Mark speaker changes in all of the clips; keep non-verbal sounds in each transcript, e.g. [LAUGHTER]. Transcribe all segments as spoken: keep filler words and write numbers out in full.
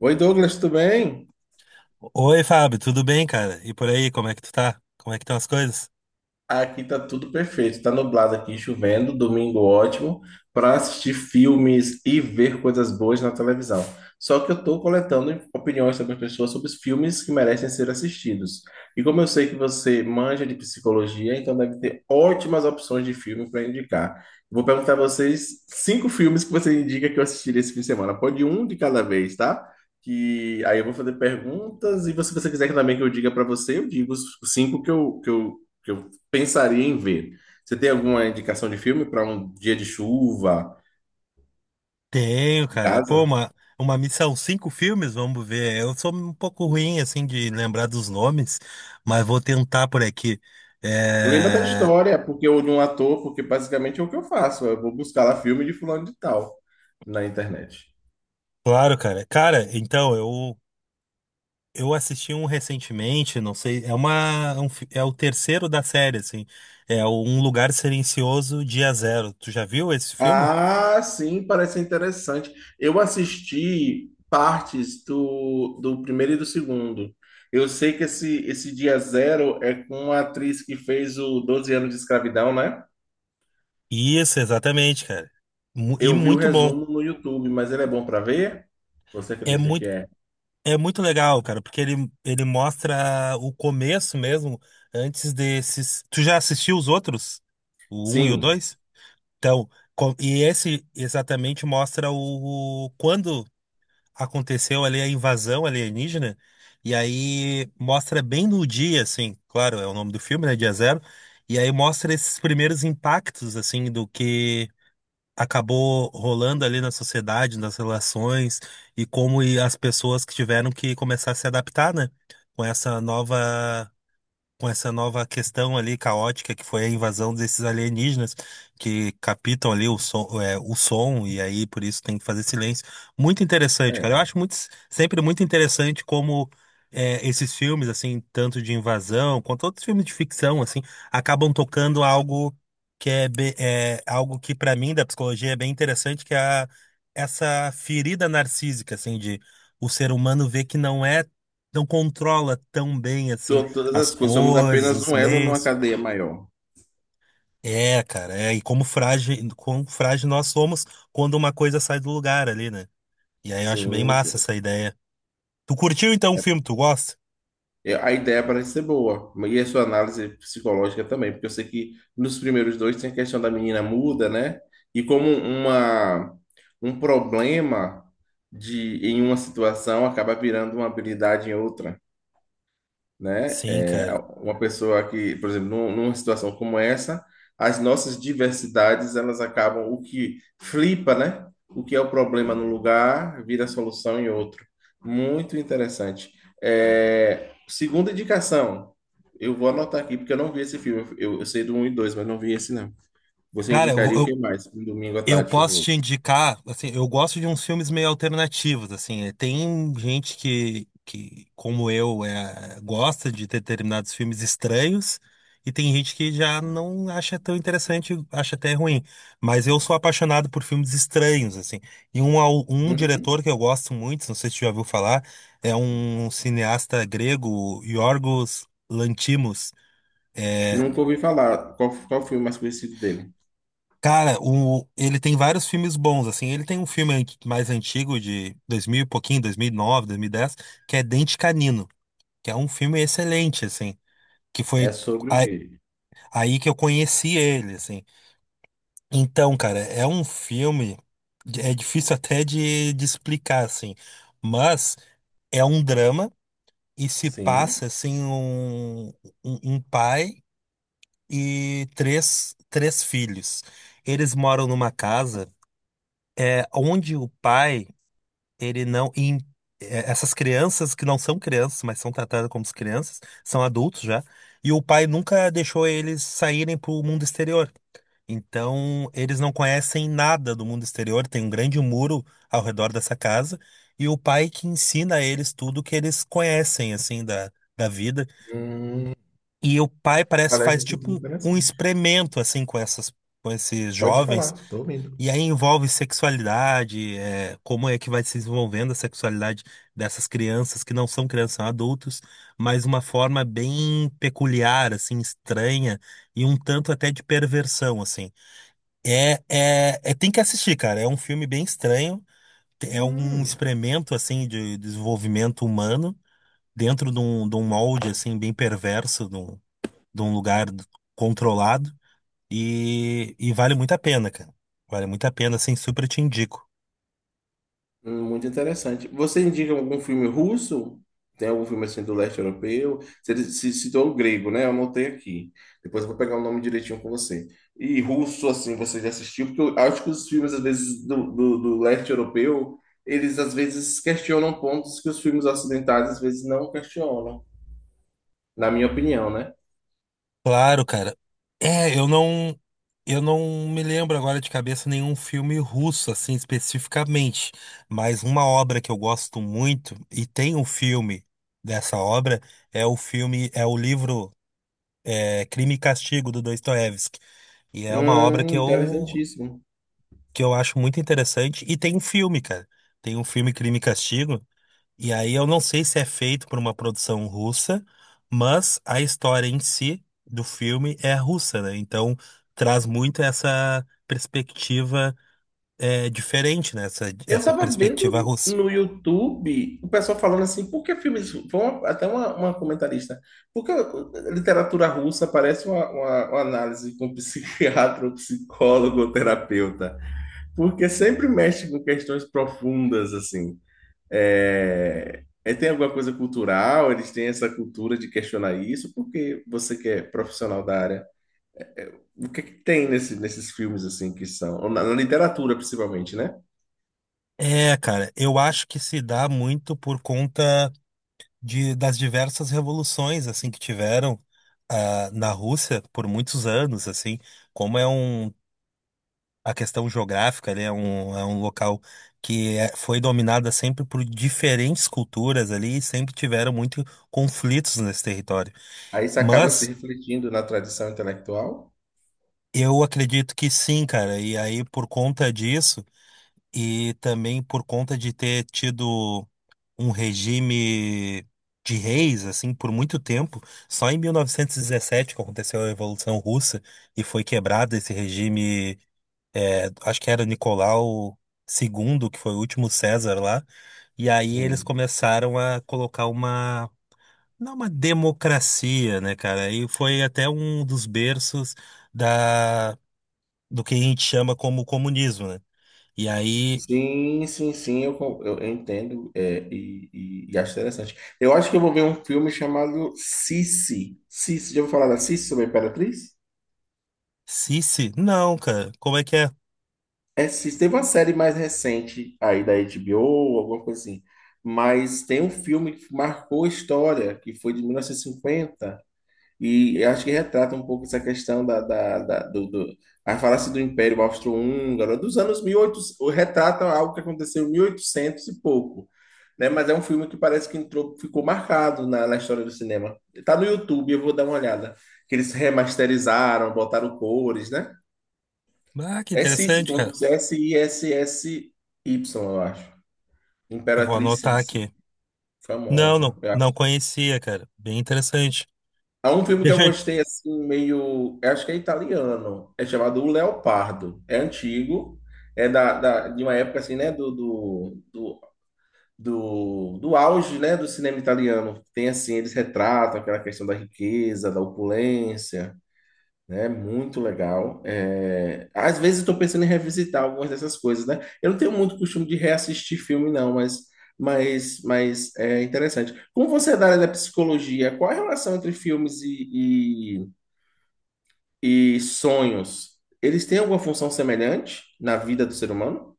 Speaker 1: Oi, Douglas, tudo bem?
Speaker 2: Oi, Fábio, tudo bem, cara? E por aí, como é que tu tá? Como é que estão as coisas?
Speaker 1: Aqui tá tudo perfeito. Tá nublado aqui, chovendo, domingo ótimo para assistir filmes e ver coisas boas na televisão. Só que eu tô coletando opiniões sobre as pessoas sobre os filmes que merecem ser assistidos. E como eu sei que você manja de psicologia, então deve ter ótimas opções de filme para indicar. Vou perguntar a vocês cinco filmes que você indica que eu assistiria esse fim de semana. Pode um de cada vez, tá? Que aí eu vou fazer perguntas e se você quiser que também que eu diga para você, eu digo os cinco que eu, que eu que eu pensaria em ver. Você tem alguma indicação de filme para um dia de chuva
Speaker 2: Tenho,
Speaker 1: em
Speaker 2: cara. Pô,
Speaker 1: casa?
Speaker 2: uma, uma missão, cinco filmes, vamos ver. Eu sou um pouco ruim, assim, de lembrar dos nomes, mas vou tentar por aqui.
Speaker 1: Lembra da
Speaker 2: É...
Speaker 1: história, porque eu de um ator, porque basicamente é o que eu faço. Eu vou buscar lá filme de fulano de tal na internet.
Speaker 2: Claro, cara. Cara, então, eu, eu assisti um recentemente, não sei, é uma, é um fi- é o terceiro da série, assim. É o Um Lugar Silencioso, Dia Zero. Tu já viu esse filme?
Speaker 1: Ah, sim, parece interessante. Eu assisti partes do, do primeiro e do segundo. Eu sei que esse, esse Dia Zero é com a atriz que fez o doze anos de escravidão, né?
Speaker 2: Isso, exatamente, cara. Mu- E
Speaker 1: Eu vi o
Speaker 2: muito bom.
Speaker 1: resumo no YouTube, mas ele é bom para ver? Você
Speaker 2: É
Speaker 1: acredita que
Speaker 2: muito
Speaker 1: é?
Speaker 2: É muito legal, cara, porque ele, ele mostra o começo mesmo, antes desses. Tu já assistiu os outros? O um e o
Speaker 1: Sim.
Speaker 2: dois? Então, co- e esse exatamente mostra o, o- quando aconteceu ali a invasão alienígena, e aí mostra bem no dia, assim, claro, é o nome do filme, né? Dia Zero, e aí mostra esses primeiros impactos, assim, do que acabou rolando ali na sociedade, nas relações e como e as pessoas que tiveram que começar a se adaptar, né? Com essa nova com essa nova questão ali caótica que foi a invasão desses alienígenas que captam ali o som, é, o som e aí por isso tem que fazer silêncio. Muito interessante, cara. Eu
Speaker 1: É,
Speaker 2: acho muito, sempre muito interessante como é, esses filmes, assim, tanto de invasão quanto outros filmes de ficção, assim, acabam tocando algo que é, be- é algo que para mim da psicologia é bem interessante, que é a- essa ferida narcísica, assim, de o ser humano ver que não é não controla tão bem assim
Speaker 1: to- Todas
Speaker 2: as
Speaker 1: as coisas somos
Speaker 2: coisas,
Speaker 1: apenas
Speaker 2: os
Speaker 1: um elo numa
Speaker 2: meios.
Speaker 1: cadeia maior.
Speaker 2: É, cara, é, e como frágil, como frágil nós somos quando uma coisa sai do lugar ali, né? E aí eu acho bem
Speaker 1: Sim,
Speaker 2: massa
Speaker 1: sim.
Speaker 2: essa ideia. Tu curtiu então o
Speaker 1: é,
Speaker 2: filme, tu gosta?
Speaker 1: É, A ideia parece ser boa, e a sua análise psicológica também, porque eu sei que nos primeiros dois tem a questão da menina muda, né? E como uma, um problema de, em uma situação acaba virando uma habilidade em outra, né?
Speaker 2: Sim,
Speaker 1: É,
Speaker 2: cara.
Speaker 1: uma pessoa que, por exemplo, num- numa situação como essa, as nossas diversidades, elas acabam, o que flipa, né? O que é o problema num lugar, vira solução em outro. Muito interessante. É, segunda indicação, eu vou anotar aqui, porque eu não vi esse filme. Eu, eu sei do um e dois, mas não vi esse, não. Você
Speaker 2: Cara, eu,
Speaker 1: indicaria o que
Speaker 2: eu
Speaker 1: mais? Um domingo à
Speaker 2: eu
Speaker 1: tarde
Speaker 2: posso
Speaker 1: chuvoso.
Speaker 2: te indicar, assim, eu gosto de uns filmes meio alternativos, assim, eh, tem gente que, que como eu, é, gosta de ter determinados filmes estranhos, e tem gente que já não acha tão interessante, acha até ruim, mas eu sou apaixonado por filmes estranhos, assim, e um, au- um
Speaker 1: Uhum.
Speaker 2: diretor que eu gosto muito, não sei se você já ouviu falar, é um cineasta grego, Yorgos Lanthimos, eh,
Speaker 1: Nunca ouvi falar. Qual, qual o filme mais conhecido dele?
Speaker 2: cara, o, ele tem vários filmes bons, assim. Ele tem um filme anti- mais antigo, de dois mil e pouquinho, dois mil e nove, dez que é Dente Canino, que é um filme excelente, assim. Que foi
Speaker 1: É sobre o
Speaker 2: a-
Speaker 1: quê?
Speaker 2: aí que eu conheci ele, assim. Então, cara, é um filme. É difícil até de, de explicar, assim. Mas é um drama e se
Speaker 1: Sim.
Speaker 2: passa, assim, um, um, um pai e três, três filhos. Eles moram numa casa. É, onde o pai, ele não. e, é, essas crianças que não são crianças, mas são tratadas como crianças, são adultos já, e o pai nunca deixou eles saírem para o mundo exterior. Então, eles não conhecem nada do mundo exterior, tem um grande muro ao redor dessa casa, e o pai que ensina a eles tudo que eles conhecem, assim, da, da vida.
Speaker 1: Hum,
Speaker 2: E o pai parece que
Speaker 1: parece
Speaker 2: faz
Speaker 1: assim
Speaker 2: tipo
Speaker 1: como
Speaker 2: um, um
Speaker 1: interessante.
Speaker 2: experimento, assim, com essas, com esses
Speaker 1: Pode
Speaker 2: jovens
Speaker 1: falar, tô ouvindo.
Speaker 2: e aí envolve sexualidade, é, como é que vai se desenvolvendo a sexualidade dessas crianças que não são crianças, são adultos, mas uma forma bem peculiar, assim, estranha e um tanto até de perversão, assim. É, é, é- tem que assistir, cara. É um filme bem estranho, é um
Speaker 1: Hum.
Speaker 2: experimento, assim, de desenvolvimento humano dentro de um, de um molde, assim, bem perverso, de um, de um lugar controlado e, e vale muito a pena, cara. Vale muito a pena, assim, super te indico.
Speaker 1: Hum, muito interessante. Você indica algum filme russo? Tem algum filme assim do leste europeu? Você se citou o grego, né? Eu anotei aqui. Depois eu vou pegar o nome direitinho com você. E russo, assim, você já assistiu? Porque eu acho que os filmes, às vezes, do, do, do leste europeu, eles às vezes questionam pontos que os filmes ocidentais às vezes não questionam, na minha opinião, né?
Speaker 2: Claro, cara. É, eu não, eu não me lembro agora de cabeça nenhum filme russo, assim, especificamente. Mas uma obra que eu gosto muito, e tem um filme dessa obra, é o filme, é o livro é, Crime e Castigo, do Dostoiévski. E é uma obra que
Speaker 1: Hum,
Speaker 2: eu,
Speaker 1: interessantíssimo.
Speaker 2: que eu acho muito interessante. E tem um filme, cara. Tem um filme Crime e Castigo. E aí eu não sei se é feito por uma produção russa, mas a história em si do filme é russa, né? Então traz muito essa perspectiva é, diferente, né? Essa,
Speaker 1: Eu
Speaker 2: essa
Speaker 1: tava
Speaker 2: perspectiva
Speaker 1: vendo
Speaker 2: russa.
Speaker 1: no YouTube o pessoal falando assim, por que filmes. Foi uma- até uma, uma comentarista. Por que literatura russa parece uma, uma- uma análise com psiquiatra, [LAUGHS] ou psicólogo ou terapeuta? Porque sempre mexe com questões profundas, assim. É, é, tem alguma coisa cultural? Eles têm essa cultura de questionar isso? Porque você que é profissional da área, o que é que tem nesse- nesses filmes, assim, que são, ou na na literatura, principalmente, né?
Speaker 2: É, cara, eu acho que se dá muito por conta de, das diversas revoluções assim que tiveram ah, na Rússia por muitos anos, assim, como é um a questão geográfica, ele é um, é um local que é- foi dominada sempre por diferentes culturas ali e sempre tiveram muito conflitos nesse território.
Speaker 1: Aí isso acaba se
Speaker 2: Mas
Speaker 1: refletindo na tradição intelectual?
Speaker 2: eu acredito que sim, cara, e aí por conta disso e também por conta de ter tido um regime de reis, assim, por muito tempo, só em mil novecentos e dezessete que aconteceu a Revolução Russa e foi quebrado esse regime, é, acho que era Nicolau dois, que foi o último César lá. E aí eles
Speaker 1: Sim.
Speaker 2: começaram a colocar uma, não uma democracia, né, cara? E foi até um dos berços da, do que a gente chama como comunismo, né? E aí,
Speaker 1: Sim, sim, sim. Eu, co- eu entendo, é, e, e, e acho interessante. Eu acho que eu vou ver um filme chamado Sissi. Sissi, já ouviu falar da Sissi sobre a Imperatriz?
Speaker 2: Sisi, não, cara, como é que é?
Speaker 1: É, Sissi. Teve uma série mais recente aí da HBO, alguma coisa assim. Mas tem um filme que marcou a história, que foi de mil novecentos e cinquenta. E eu acho que retrata um pouco essa questão da, da, da- do, do, a falácia do Império Austro-Húngaro, né, dos anos mil e oitocentos, retrata algo que aconteceu em mil e oitocentos e oitocentos e pouco, né? Mas é um filme que parece que entrou, ficou marcado na, na história do cinema. Tá no YouTube, eu vou dar uma olhada. Que eles remasterizaram, botaram cores, né?
Speaker 2: Ah, que
Speaker 1: É Sissi,
Speaker 2: interessante,
Speaker 1: como se
Speaker 2: cara.
Speaker 1: fosse S-I-S-S-Y, eu acho.
Speaker 2: Eu vou
Speaker 1: Imperatriz
Speaker 2: anotar
Speaker 1: Sissi,
Speaker 2: aqui. Não,
Speaker 1: famosa.
Speaker 2: não, não conhecia, cara. Bem interessante.
Speaker 1: Há um
Speaker 2: E
Speaker 1: filme que eu
Speaker 2: deixa eu...
Speaker 1: gostei assim, meio. Eu Acho que é italiano. É chamado O Leopardo. É antigo. É da, da- de uma época assim, né? Do, do, do, do, do auge, né? Do cinema italiano. Tem assim, eles retratam aquela questão da riqueza, da opulência. é Muito legal. É, às vezes eu tô pensando em revisitar algumas dessas coisas, né? Eu não tenho muito costume de reassistir filme, não, mas, mas, mas é interessante. Como você é da área da psicologia, qual a relação entre filmes e, e, e sonhos? Eles têm alguma função semelhante na vida do ser humano?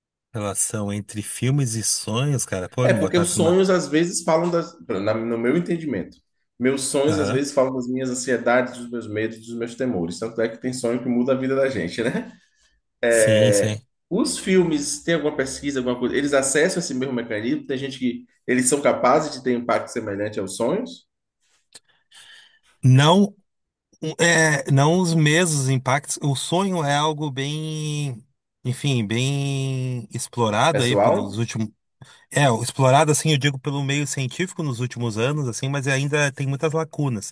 Speaker 2: [LAUGHS] Relação entre filmes e sonhos, cara. Pô,
Speaker 1: É,
Speaker 2: me
Speaker 1: porque os
Speaker 2: botasse uma...
Speaker 1: sonhos às vezes falam das, na- no meu entendimento. Meus sonhos às
Speaker 2: Aham.
Speaker 1: vezes falam das minhas ansiedades, dos meus medos, dos meus temores. Tanto é que tem sonho que muda a vida da gente, né?
Speaker 2: Sim, sim.
Speaker 1: Os filmes, tem alguma pesquisa, alguma coisa? Eles acessam esse mesmo mecanismo? Tem gente que eles são capazes de ter um impacto semelhante aos sonhos,
Speaker 2: Não Um- É, não os mesmos impactos. O sonho é algo bem, enfim, bem explorado aí pelos
Speaker 1: pessoal?
Speaker 2: últimos. É, explorado assim, eu digo pelo meio científico nos últimos anos, assim, mas ainda tem muitas lacunas.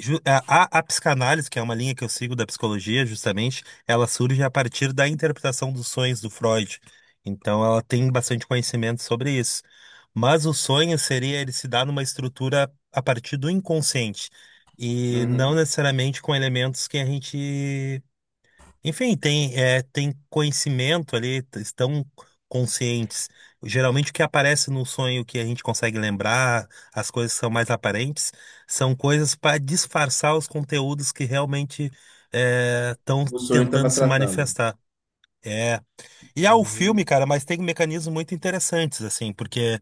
Speaker 2: Ju- A, a, a psicanálise, que é uma linha que eu sigo da psicologia, justamente, ela surge a partir da interpretação dos sonhos do Freud. Então, ela tem bastante conhecimento sobre isso. Mas o sonho seria ele se dar numa estrutura a partir do inconsciente e não
Speaker 1: Uhum.
Speaker 2: necessariamente com elementos que a gente enfim, tem, é, tem conhecimento ali, t- estão conscientes. Geralmente o que aparece no sonho que a gente consegue lembrar, as coisas que são mais aparentes, são coisas para disfarçar os conteúdos que realmente estão
Speaker 1: O sonho estava
Speaker 2: tentando se
Speaker 1: tratando.
Speaker 2: manifestar. É. E há o filme,
Speaker 1: Hum.
Speaker 2: cara, mas tem mecanismos muito interessantes, assim, porque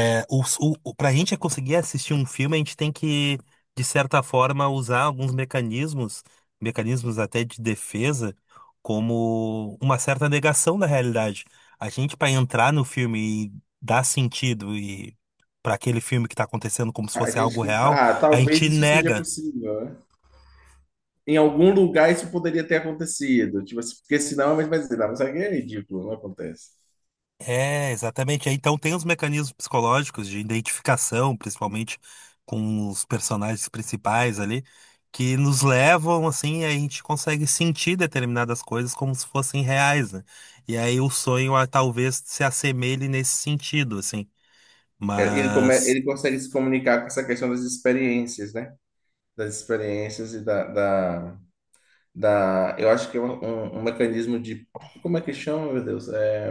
Speaker 2: é, o, o, para a gente conseguir assistir um filme, a gente tem que, de certa forma, usar alguns mecanismos, mecanismos até de defesa, como uma certa negação da realidade. A gente, para entrar no filme e dar sentido e para aquele filme que está acontecendo como se
Speaker 1: A
Speaker 2: fosse
Speaker 1: gente
Speaker 2: algo
Speaker 1: que.
Speaker 2: real,
Speaker 1: Ah,
Speaker 2: a
Speaker 1: talvez
Speaker 2: gente
Speaker 1: isso seja
Speaker 2: nega.
Speaker 1: possível, né? Em algum lugar isso poderia ter acontecido. Tipo assim, porque senão ele vai dizer, não, mas aqui é ridículo, não acontece.
Speaker 2: É, exatamente. Aí, então tem os mecanismos psicológicos de identificação, principalmente com os personagens principais ali, que nos levam assim, e a gente consegue sentir determinadas coisas como se fossem reais, né? E aí o sonho ah, talvez se assemelhe nesse sentido, assim.
Speaker 1: É, ele, come,
Speaker 2: Mas
Speaker 1: ele consegue se comunicar com essa questão das experiências, né? Das experiências e da, da- da, eu acho que é um, um- um mecanismo de, como é que chama, meu Deus? É,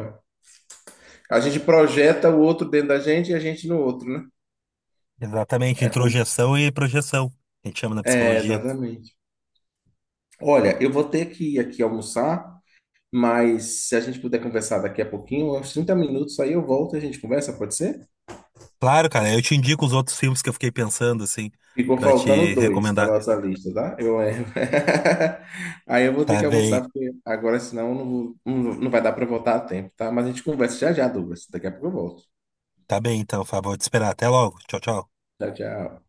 Speaker 1: a gente projeta o outro dentro da gente e a gente no outro, né?
Speaker 2: exatamente,
Speaker 1: É como,
Speaker 2: introjeção e projeção, a gente chama na
Speaker 1: é,
Speaker 2: psicologia.
Speaker 1: exatamente. Olha, eu vou ter que ir aqui almoçar, mas se a gente puder conversar daqui a pouquinho, uns trinta minutos, aí eu volto e a gente conversa, pode ser?
Speaker 2: Claro, cara, eu te indico os outros filmes que eu fiquei pensando, assim,
Speaker 1: Ficou
Speaker 2: pra te
Speaker 1: faltando dois na
Speaker 2: recomendar.
Speaker 1: nossa lista, tá? Eu lembro. [LAUGHS] Aí eu vou ter
Speaker 2: Tá
Speaker 1: que
Speaker 2: bem,
Speaker 1: almoçar, porque agora senão eu não, vou- não, não vai dar para voltar a tempo, tá? Mas a gente conversa já já, Douglas. Daqui a pouco eu volto.
Speaker 2: tá bem então, Fábio, vou te esperar. Até logo. Tchau, tchau.
Speaker 1: Tchau, tchau.